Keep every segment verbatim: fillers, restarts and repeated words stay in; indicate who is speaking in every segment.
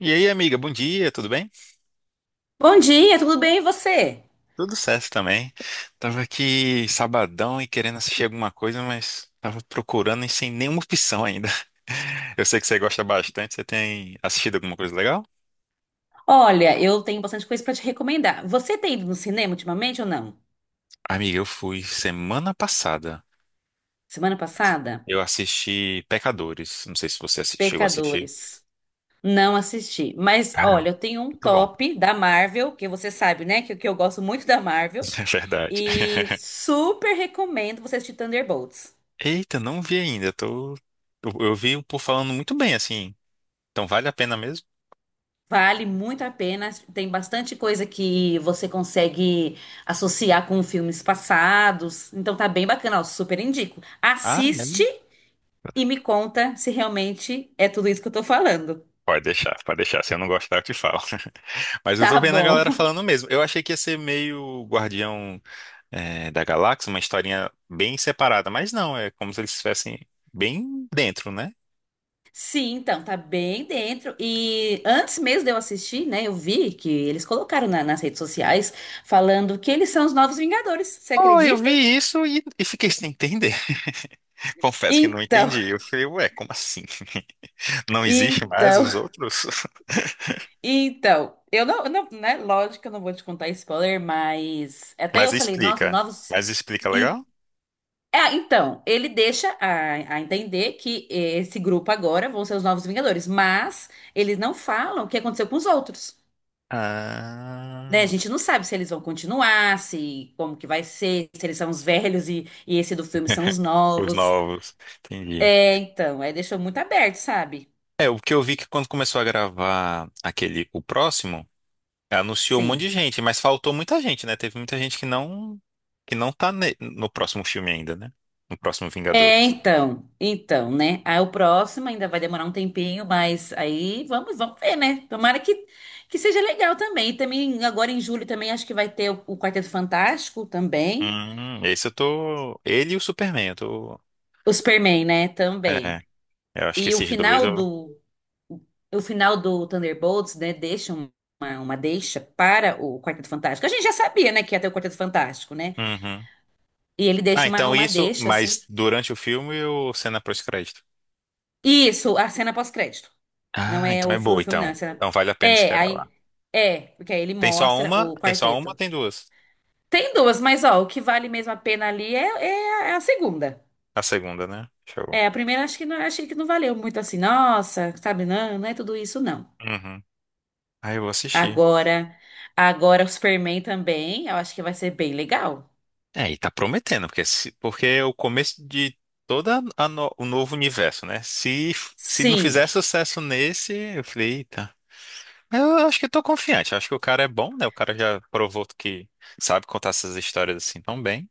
Speaker 1: E aí, amiga, bom dia, tudo bem?
Speaker 2: Bom dia, tudo bem e você?
Speaker 1: Tudo certo também. Tava aqui sabadão e querendo assistir alguma coisa, mas tava procurando e sem nenhuma opção ainda. Eu sei que você gosta bastante, você tem assistido alguma coisa legal?
Speaker 2: Olha, eu tenho bastante coisa pra te recomendar. Você tem ido no cinema ultimamente ou não?
Speaker 1: Amiga, eu fui semana passada.
Speaker 2: Semana passada?
Speaker 1: Eu assisti Pecadores. Não sei se você assi- chegou a assistir.
Speaker 2: Pecadores. Não assisti. Mas olha,
Speaker 1: Caramba,
Speaker 2: eu tenho um
Speaker 1: muito bom.
Speaker 2: top da Marvel, que você sabe, né? Que, que eu gosto muito da Marvel.
Speaker 1: É verdade.
Speaker 2: E super recomendo você assistir Thunderbolts.
Speaker 1: Eita, não vi ainda. Tô... Eu eu vi o povo falando muito bem, assim. Então vale a pena mesmo?
Speaker 2: Vale muito a pena. Tem bastante coisa que você consegue associar com filmes passados. Então tá bem bacana, ó, super indico.
Speaker 1: Ah, né?
Speaker 2: Assiste e me conta se realmente é tudo isso que eu tô falando.
Speaker 1: Pode deixar, pode deixar. Se eu não gostar, eu te falo. Mas eu tô
Speaker 2: Tá
Speaker 1: vendo a galera
Speaker 2: bom.
Speaker 1: falando mesmo. Eu achei que ia ser meio Guardião, eh, da Galáxia, uma historinha bem separada, mas não, é como se eles estivessem bem dentro, né?
Speaker 2: Sim, então, tá bem dentro. E antes mesmo de eu assistir, né, eu vi que eles colocaram na- nas redes sociais falando que eles são os novos Vingadores. Você
Speaker 1: Oh, eu
Speaker 2: acredita?
Speaker 1: vi isso e, e fiquei sem entender. Confesso que não
Speaker 2: Então,
Speaker 1: entendi. Eu falei, ué, como assim? Não existe mais
Speaker 2: então,
Speaker 1: os outros?
Speaker 2: então. Eu não, eu não, né? Lógico que eu não vou te contar spoiler, mas até
Speaker 1: Mas
Speaker 2: eu falei, nossa,
Speaker 1: explica.
Speaker 2: novos.
Speaker 1: Mas explica legal?
Speaker 2: Ah, então, ele deixa a, a entender que esse grupo agora vão ser os novos Vingadores, mas eles não falam o que aconteceu com os outros, né? A
Speaker 1: Ah,
Speaker 2: gente não sabe se eles vão continuar, se como que vai ser, se eles são os velhos e, e esse do filme são os
Speaker 1: os
Speaker 2: novos.
Speaker 1: novos. Entendi.
Speaker 2: É, então, aí deixou muito aberto, sabe?
Speaker 1: É, o que eu vi que quando começou a gravar aquele, o próximo, anunciou um monte
Speaker 2: Sim.
Speaker 1: de gente, mas faltou muita gente, né? Teve muita gente que não, que não tá ne- no próximo filme ainda, né? No próximo
Speaker 2: É,
Speaker 1: Vingadores.
Speaker 2: então, então, né? Aí o próximo ainda vai demorar um tempinho, mas aí vamos, vamos ver, né? Tomara que, que seja legal também. E também agora em julho também acho que vai ter o, o Quarteto Fantástico também,
Speaker 1: Hum, esse eu tô. Ele e o Superman, eu tô.
Speaker 2: o Superman, né?
Speaker 1: É,
Speaker 2: Também.
Speaker 1: eu acho que
Speaker 2: E o
Speaker 1: esses dois
Speaker 2: final
Speaker 1: eu.
Speaker 2: do o final do Thunderbolts, né? Deixa um, uma, uma deixa para o Quarteto Fantástico. A gente já sabia, né? Que ia ter o Quarteto Fantástico, né?
Speaker 1: Uhum.
Speaker 2: E ele
Speaker 1: Ah,
Speaker 2: deixa uma,
Speaker 1: então
Speaker 2: uma
Speaker 1: isso,
Speaker 2: deixa assim.
Speaker 1: mas durante o filme ou cena pós-crédito?
Speaker 2: Isso, a cena pós-crédito. Não
Speaker 1: Ah,
Speaker 2: é
Speaker 1: então
Speaker 2: o
Speaker 1: é
Speaker 2: fi-
Speaker 1: boa,
Speaker 2: o filme, não.
Speaker 1: então.
Speaker 2: Essa...
Speaker 1: Então vale a pena
Speaker 2: É,
Speaker 1: esperar
Speaker 2: aí.
Speaker 1: lá.
Speaker 2: É, porque aí ele
Speaker 1: Tem só
Speaker 2: mostra
Speaker 1: uma?
Speaker 2: o
Speaker 1: Tem só uma ou
Speaker 2: quarteto.
Speaker 1: tem duas?
Speaker 2: Tem duas, mas ó, o que vale mesmo a pena ali é, é, a é a segunda.
Speaker 1: A segunda, né? Show.
Speaker 2: É, a primeira acho que não, achei que não valeu muito assim. Nossa, sabe? Não, não é tudo isso, não.
Speaker 1: Uhum. Ah, eu vou assistir.
Speaker 2: Agora, agora o Superman também, eu acho que vai ser bem legal.
Speaker 1: É, e tá prometendo, porque, se- porque é o começo de todo o novo universo, né? Se, se não fizer
Speaker 2: Sim,
Speaker 1: sucesso nesse, eu falei, eita. Mas Eu acho que eu tô confiante, eu acho que o cara é bom, né? O cara já provou que sabe contar essas histórias assim tão bem.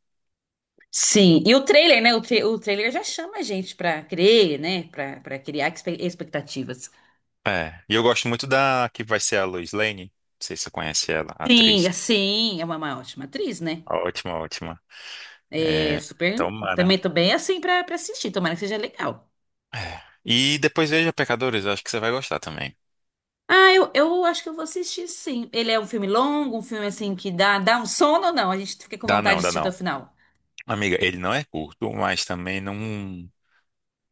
Speaker 2: sim. E o trailer, né? O, tra- o trailer já chama a gente pra crer, né? Pra, pra criar expe- expectativas.
Speaker 1: É, e eu gosto muito da que vai ser a Lois Lane, não sei se você conhece ela, a atriz.
Speaker 2: Sim, sim, é uma, uma ótima atriz, né?
Speaker 1: Ótima, ótima.
Speaker 2: É
Speaker 1: É,
Speaker 2: super.
Speaker 1: tomara.
Speaker 2: Também tô bem assim pra, pra assistir. Tomara que seja legal.
Speaker 1: É. E depois veja Pecadores, eu acho que você vai gostar também.
Speaker 2: Ah, eu, eu acho que eu vou assistir sim. Ele é um filme longo, um filme assim que dá, dá um sono ou não? A gente fica com
Speaker 1: Dá
Speaker 2: vontade
Speaker 1: não,
Speaker 2: de
Speaker 1: dá
Speaker 2: assistir até o
Speaker 1: não.
Speaker 2: final.
Speaker 1: Amiga, ele não é curto, mas também não.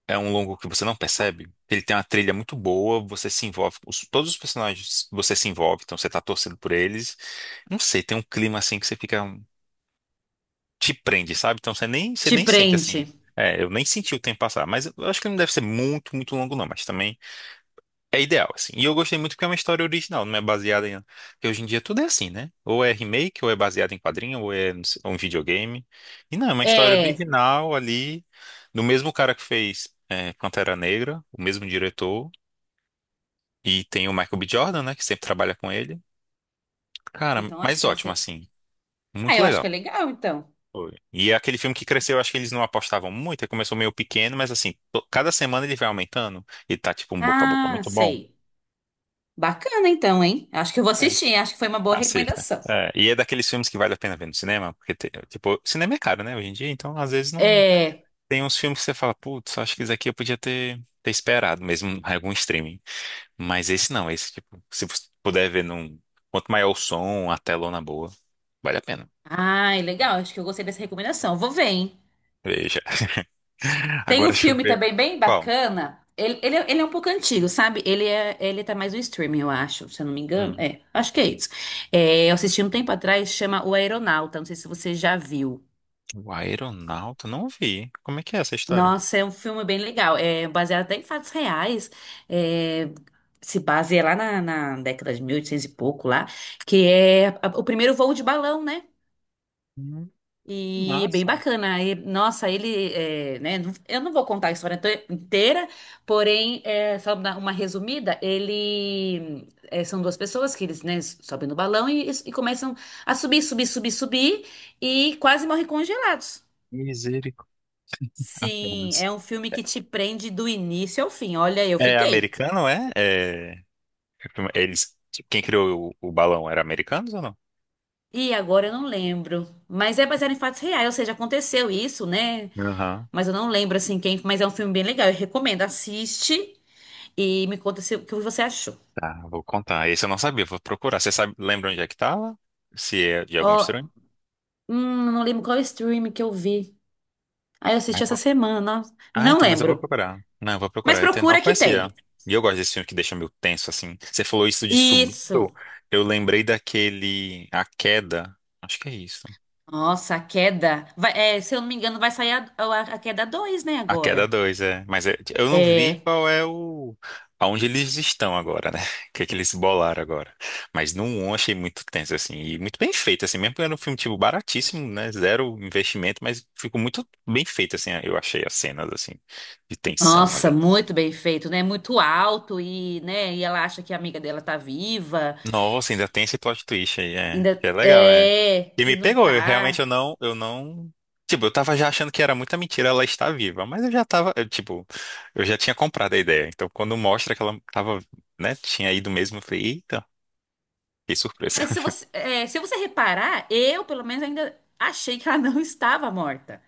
Speaker 1: É um longo que você não percebe. Ele tem uma trilha muito boa, você se envolve. os- todos os personagens você se envolve, então você tá torcendo por eles. Não sei, tem um clima assim que você fica. um- Te prende, sabe? Então você nem, você
Speaker 2: Te
Speaker 1: nem sente
Speaker 2: prende.
Speaker 1: assim. É, eu nem senti o tempo passar. Mas eu acho que não deve ser muito, muito longo, não. Mas também. É ideal, assim. E eu gostei muito porque é uma história original, não é baseada em. Porque hoje em dia tudo é assim, né? Ou é remake, ou é baseado em quadrinho, ou é não sei, um videogame. E não, é uma história
Speaker 2: É.
Speaker 1: original ali, do mesmo cara que fez é, Pantera Negra, o mesmo diretor. E tem o Michael B. Jordan, né? Que sempre trabalha com ele.
Speaker 2: Ah,
Speaker 1: Cara,
Speaker 2: Então acho
Speaker 1: mas
Speaker 2: que vai
Speaker 1: ótimo,
Speaker 2: ser.
Speaker 1: assim.
Speaker 2: Ah,
Speaker 1: Muito
Speaker 2: eu acho que
Speaker 1: legal.
Speaker 2: é legal então.
Speaker 1: Foi. E é aquele filme que cresceu, acho que eles não apostavam muito. Ele começou meio pequeno, mas assim, to- cada semana ele vai aumentando. E tá tipo um boca a boca
Speaker 2: Ah,
Speaker 1: muito bom.
Speaker 2: sei. Bacana então, hein? Acho que eu vou assistir. Acho que foi uma boa
Speaker 1: Assista.
Speaker 2: recomendação.
Speaker 1: É, e é daqueles filmes que vale a pena ver no cinema, porque, te- tipo, cinema é caro, né, hoje em dia, então às vezes não.
Speaker 2: É.
Speaker 1: Tem uns filmes que você fala, putz, acho que esse aqui eu podia ter, ter esperado, mesmo em algum streaming. Mas esse não, esse, tipo, se você puder ver num. Quanto maior o som, a telona boa, vale a pena.
Speaker 2: Ai, legal. Acho que eu gostei dessa recomendação. Vou ver, hein?
Speaker 1: Veja.
Speaker 2: Tem
Speaker 1: Agora
Speaker 2: um
Speaker 1: deixa eu
Speaker 2: filme
Speaker 1: ver.
Speaker 2: também bem
Speaker 1: Qual?
Speaker 2: bacana. Ele, ele, é- ele é um pouco antigo, sabe? Ele é, ele tá mais no streaming, eu acho, se eu não me engano.
Speaker 1: Hum,
Speaker 2: É, acho que é isso. É, eu assisti um tempo atrás, chama O Aeronauta. Não sei se você já viu.
Speaker 1: o Aeronauta? Não vi. Como é que é essa história?
Speaker 2: Nossa, é um filme bem legal. É baseado até em fatos reais. É, se baseia lá na, na década de mil e oitocentos e pouco lá, que é a- o primeiro voo de balão, né?
Speaker 1: Hum,
Speaker 2: E é bem
Speaker 1: massa.
Speaker 2: bacana. E, nossa, ele, é, né? não- Eu não vou contar a história inte- inteira, porém, é, só dar uma resumida. Ele é, são duas pessoas que eles, né, sobem no balão e, e começam a subir, subir, subir, subir e quase morrem congelados.
Speaker 1: Misericórdia.
Speaker 2: Sim, é
Speaker 1: Apenas.
Speaker 2: um filme que te prende do início ao fim. Olha, eu
Speaker 1: É
Speaker 2: fiquei.
Speaker 1: americano, é? É. Eles, quem criou o, o balão era americanos ou não?
Speaker 2: E agora eu não lembro. Mas é baseado em fatos reais, ou seja, aconteceu isso, né?
Speaker 1: Aham,
Speaker 2: Mas eu não lembro assim quem. Mas é um filme bem legal. Eu recomendo. Assiste. E me conta se, o que você achou.
Speaker 1: Tá, vou contar. Esse eu não sabia, vou procurar. Você sabe, lembra onde é que tava? Se é de algum
Speaker 2: Ó,
Speaker 1: estranho?
Speaker 2: hum, não lembro qual stream que eu vi. Aí eu
Speaker 1: Ah,
Speaker 2: assisti
Speaker 1: eu
Speaker 2: essa
Speaker 1: vou-
Speaker 2: semana.
Speaker 1: ah,
Speaker 2: Não
Speaker 1: então, mas eu vou
Speaker 2: lembro.
Speaker 1: procurar. Não, eu vou
Speaker 2: Mas
Speaker 1: procurar. Eu até não
Speaker 2: procura que
Speaker 1: conhecia.
Speaker 2: tem.
Speaker 1: E eu gosto desse filme que deixa meio tenso, assim. Você falou isso de subindo.
Speaker 2: Isso.
Speaker 1: Eu lembrei daquele A Queda. Acho que é isso.
Speaker 2: Nossa, a queda. Vai- é, se eu não me engano, vai sair a, a- a queda dois, né,
Speaker 1: A Queda
Speaker 2: agora.
Speaker 1: dois é. Mas é- eu não vi
Speaker 2: É.
Speaker 1: qual é o. Aonde eles estão agora, né? O que é que eles bolaram agora. Mas no primeiro eu achei muito tenso, assim. E muito bem feito, assim. Mesmo que era um filme, tipo, baratíssimo, né? Zero investimento, mas ficou muito bem feito, assim. Eu achei as cenas, assim, de tensão
Speaker 2: Nossa,
Speaker 1: ali.
Speaker 2: muito bem feito, né? Muito alto e, né, e ela acha que a amiga dela tá viva.
Speaker 1: Nossa, ainda tem esse plot twist aí, é.
Speaker 2: Ainda
Speaker 1: Que é legal, é.
Speaker 2: é,
Speaker 1: E
Speaker 2: e
Speaker 1: me
Speaker 2: não
Speaker 1: pegou, eu realmente eu
Speaker 2: tá.
Speaker 1: não, eu não. Tipo, eu tava já achando que era muita mentira ela estar viva, mas eu já tava, eu, tipo, eu já tinha comprado a ideia. Então, quando mostra que ela tava, né, tinha ido mesmo, eu falei, eita, que surpresa.
Speaker 2: Mas se você, é, se você reparar, eu, pelo menos, ainda achei que ela não estava morta.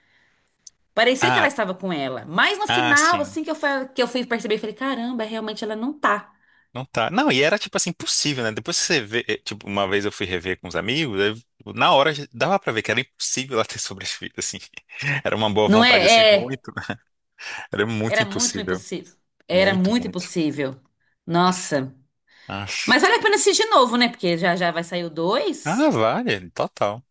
Speaker 2: Parecia que ela
Speaker 1: Ah,
Speaker 2: estava com ela. Mas no
Speaker 1: ah,
Speaker 2: final,
Speaker 1: sim.
Speaker 2: assim que eu fui, que eu fui perceber, eu falei, caramba, realmente ela não tá.
Speaker 1: Não tá. Não, e era tipo assim, impossível, né? Depois que você vê, eh, tipo, uma vez eu fui rever com os amigos, eu- na hora já- dava pra ver que era impossível ela ter sobrevivido, assim. Era uma boa
Speaker 2: Não
Speaker 1: vontade, assim,
Speaker 2: é? É,
Speaker 1: muito. Era muito
Speaker 2: era muito
Speaker 1: impossível.
Speaker 2: impossível. Era
Speaker 1: Muito,
Speaker 2: muito
Speaker 1: muito.
Speaker 2: impossível. Nossa.
Speaker 1: Ah,
Speaker 2: Mas vale a pena assistir de novo, né? Porque já já vai sair o dois.
Speaker 1: ah, vale, total.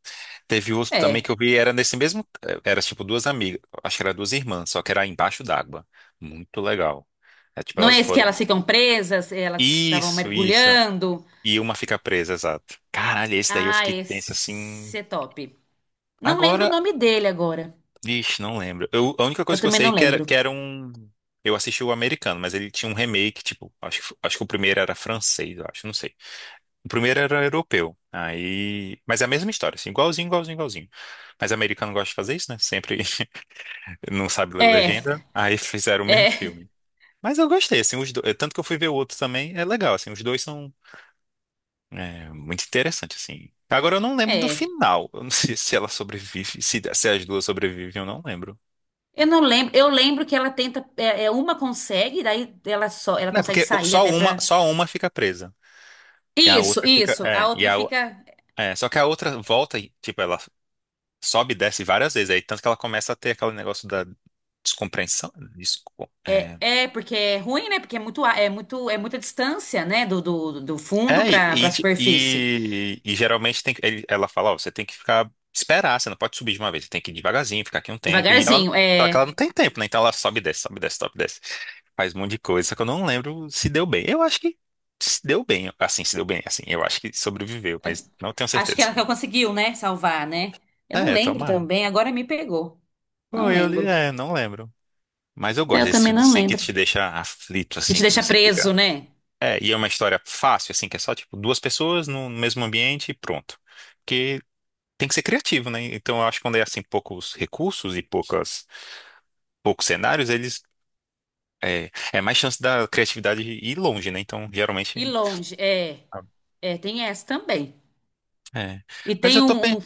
Speaker 1: Teve outro também
Speaker 2: É.
Speaker 1: que eu vi, era nesse mesmo. Era tipo duas amigas, acho que era duas irmãs, só que era embaixo d'água. Muito legal. É tipo,
Speaker 2: Não
Speaker 1: elas
Speaker 2: é esse que
Speaker 1: foram.
Speaker 2: elas ficam presas, elas estavam
Speaker 1: Isso, isso.
Speaker 2: mergulhando.
Speaker 1: E uma fica presa, exato. Caralho, esse daí eu
Speaker 2: Ah,
Speaker 1: fiquei tenso assim.
Speaker 2: esse é top. Não lembro o
Speaker 1: Agora,
Speaker 2: nome dele agora.
Speaker 1: vixe, não lembro. Eu, a única
Speaker 2: Eu
Speaker 1: coisa que eu
Speaker 2: também
Speaker 1: sei
Speaker 2: não
Speaker 1: é que era, que
Speaker 2: lembro.
Speaker 1: era um. Eu assisti o americano, mas ele tinha um remake, tipo, acho, que- acho que o primeiro era francês, eu acho, não sei. O primeiro era europeu. Aí. Mas é a mesma história, assim, igualzinho, igualzinho, igualzinho. Mas americano gosta de fazer isso, né? Sempre não sabe ler
Speaker 2: É,
Speaker 1: legenda. Aí fizeram o mesmo
Speaker 2: é,
Speaker 1: filme. Mas eu gostei, assim, os dois. Tanto que eu fui ver o outro também, é legal, assim, os dois são é, muito interessantes, assim. Agora eu não lembro do
Speaker 2: é.
Speaker 1: final. Eu não sei se ela sobrevive, se, se as duas sobrevivem, eu não lembro.
Speaker 2: Eu não lembro, eu lembro que ela tenta, é, é, uma consegue, daí ela só, ela
Speaker 1: Não, é
Speaker 2: consegue
Speaker 1: porque o-
Speaker 2: sair
Speaker 1: só
Speaker 2: até
Speaker 1: uma,
Speaker 2: pra.
Speaker 1: só uma fica presa. E a
Speaker 2: Isso,
Speaker 1: outra fica.
Speaker 2: isso. A
Speaker 1: É, e
Speaker 2: outra
Speaker 1: a, o-
Speaker 2: fica.
Speaker 1: é, só que a outra volta, e, tipo, ela sobe e desce várias vezes. Aí tanto que ela começa a ter aquele negócio da descompreensão. desco-
Speaker 2: é,
Speaker 1: é,
Speaker 2: é porque é ruim, né? Porque é muito, a- é muito, é muita distância, né? Do, do, do fundo
Speaker 1: é,
Speaker 2: pra
Speaker 1: e,
Speaker 2: para superfície.
Speaker 1: e, e- e geralmente tem, que- ele- ela fala, ó, você tem que ficar, esperar, você não pode subir de uma vez, você tem que ir devagarzinho, ficar aqui um tempo. E ela,
Speaker 2: Devagarzinho.
Speaker 1: só que ela não
Speaker 2: É,
Speaker 1: tem tempo, né? Então ela sobe e desce, sobe e desce, sobe e desce. Faz um monte de coisa, só que eu não lembro se deu bem. Eu acho que se deu bem, assim, se deu bem, assim. Eu acho que sobreviveu,
Speaker 2: é,
Speaker 1: mas não tenho
Speaker 2: acho que
Speaker 1: certeza.
Speaker 2: ela que conseguiu, né? Salvar, né? Eu não
Speaker 1: É,
Speaker 2: lembro
Speaker 1: tomara.
Speaker 2: também. Agora me pegou.
Speaker 1: Bom,
Speaker 2: Não
Speaker 1: eu, li-
Speaker 2: lembro.
Speaker 1: é, não lembro. Mas eu
Speaker 2: É,
Speaker 1: gosto
Speaker 2: Eu
Speaker 1: desses
Speaker 2: também
Speaker 1: filmes
Speaker 2: não
Speaker 1: assim que
Speaker 2: lembro.
Speaker 1: te deixa aflito,
Speaker 2: Que
Speaker 1: assim,
Speaker 2: te
Speaker 1: que
Speaker 2: deixa
Speaker 1: você fica.
Speaker 2: preso, né?
Speaker 1: É, e é uma história fácil, assim, que é só, tipo, duas pessoas no no mesmo ambiente e pronto. Porque tem que ser criativo, né? Então eu acho que quando é, assim, poucos recursos e poucas, poucos cenários, eles... É, é mais chance da criatividade ir longe, né? Então,
Speaker 2: E
Speaker 1: geralmente...
Speaker 2: longe. É, é. Tem essa também.
Speaker 1: É.
Speaker 2: E
Speaker 1: Mas
Speaker 2: tem
Speaker 1: eu tô bem...
Speaker 2: um, um-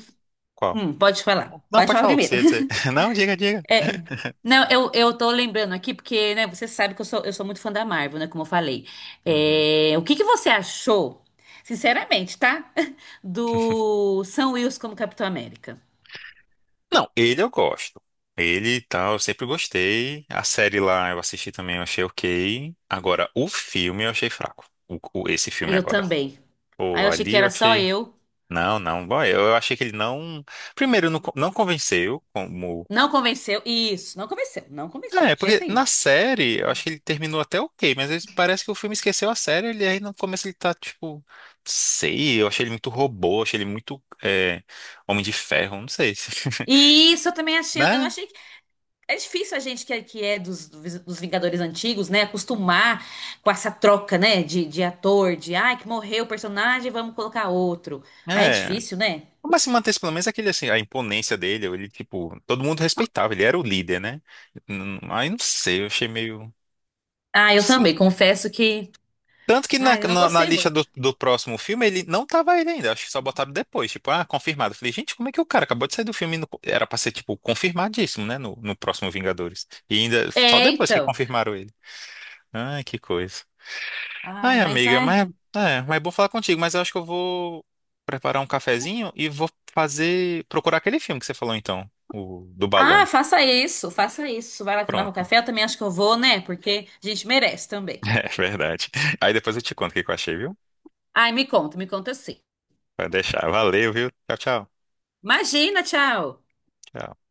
Speaker 1: Qual?
Speaker 2: hum, pode falar.
Speaker 1: Não,
Speaker 2: Pode
Speaker 1: pode
Speaker 2: falar
Speaker 1: falar o que você
Speaker 2: primeiro.
Speaker 1: ia dizer. Não, diga, diga.
Speaker 2: É, não, eu, eu tô lembrando aqui, porque, né, você sabe que eu sou, eu sou muito fã da Marvel, né, como eu falei.
Speaker 1: Uhum.
Speaker 2: É, o que que você achou, sinceramente, tá? Do Sam Wilson como Capitão América.
Speaker 1: Não, ele eu gosto. Ele e tal, eu sempre gostei. A série lá eu assisti também, eu achei ok. Agora, o filme eu achei fraco. O, o- esse
Speaker 2: Aí
Speaker 1: filme
Speaker 2: eu
Speaker 1: agora.
Speaker 2: também. Aí
Speaker 1: Pô,
Speaker 2: eu achei que
Speaker 1: ali eu
Speaker 2: era só
Speaker 1: achei.
Speaker 2: eu.
Speaker 1: Não, não. Bom, eu, eu achei que ele não. Primeiro, não, con- não convenceu como.
Speaker 2: Não convenceu. Isso, não convenceu, não convenceu,
Speaker 1: É,
Speaker 2: de jeito
Speaker 1: porque na
Speaker 2: nenhum.
Speaker 1: série, eu acho que ele terminou até ok, mas ele- parece que o filme esqueceu a série, ele aí no começo ele tá tipo. Sei, eu achei ele muito robô, achei ele muito é, Homem de Ferro, não sei.
Speaker 2: E isso eu também achei, eu não
Speaker 1: Né?
Speaker 2: achei É difícil a gente que é, que é dos, dos Vingadores antigos, né, acostumar com essa troca, né, de, de ator, de, ai, que morreu o personagem, vamos colocar outro. Aí é
Speaker 1: É.
Speaker 2: difícil, né?
Speaker 1: Mas se mantesse pelo menos é aquele assim, a imponência dele, ele tipo. Todo mundo respeitava, ele era o líder, né? Hum, Aí não sei, eu achei meio.
Speaker 2: Ah, eu também, confesso que,
Speaker 1: Tanto que na,
Speaker 2: ai, eu não
Speaker 1: na, na
Speaker 2: gostei
Speaker 1: lista
Speaker 2: muito.
Speaker 1: do, do próximo filme ele não tava ele ainda, acho que só botaram depois, tipo, ah, confirmado. Eu falei, gente, como é que o cara acabou de sair do filme? E não co- Era pra ser, tipo, confirmadíssimo, né, no, no próximo Vingadores. E ainda, só
Speaker 2: É,
Speaker 1: depois que
Speaker 2: então.
Speaker 1: confirmaram ele. Ai, que coisa. Ai,
Speaker 2: Ai, mas
Speaker 1: amiga,
Speaker 2: ai.
Speaker 1: mas é, mas é bom falar contigo, mas eu acho que eu vou preparar um cafezinho e vou fazer, procurar aquele filme que você falou então, o do
Speaker 2: Ah,
Speaker 1: balão.
Speaker 2: faça isso, faça isso. Vai lá tomar o
Speaker 1: Pronto.
Speaker 2: café, eu também acho que eu vou, né, porque a gente merece também.
Speaker 1: É verdade. Aí depois eu te conto o que que eu achei, viu?
Speaker 2: Ai, me conta, me conta sim.
Speaker 1: Vai deixar. Valeu, viu? Tchau, tchau.
Speaker 2: Imagina, tchau.
Speaker 1: Tchau.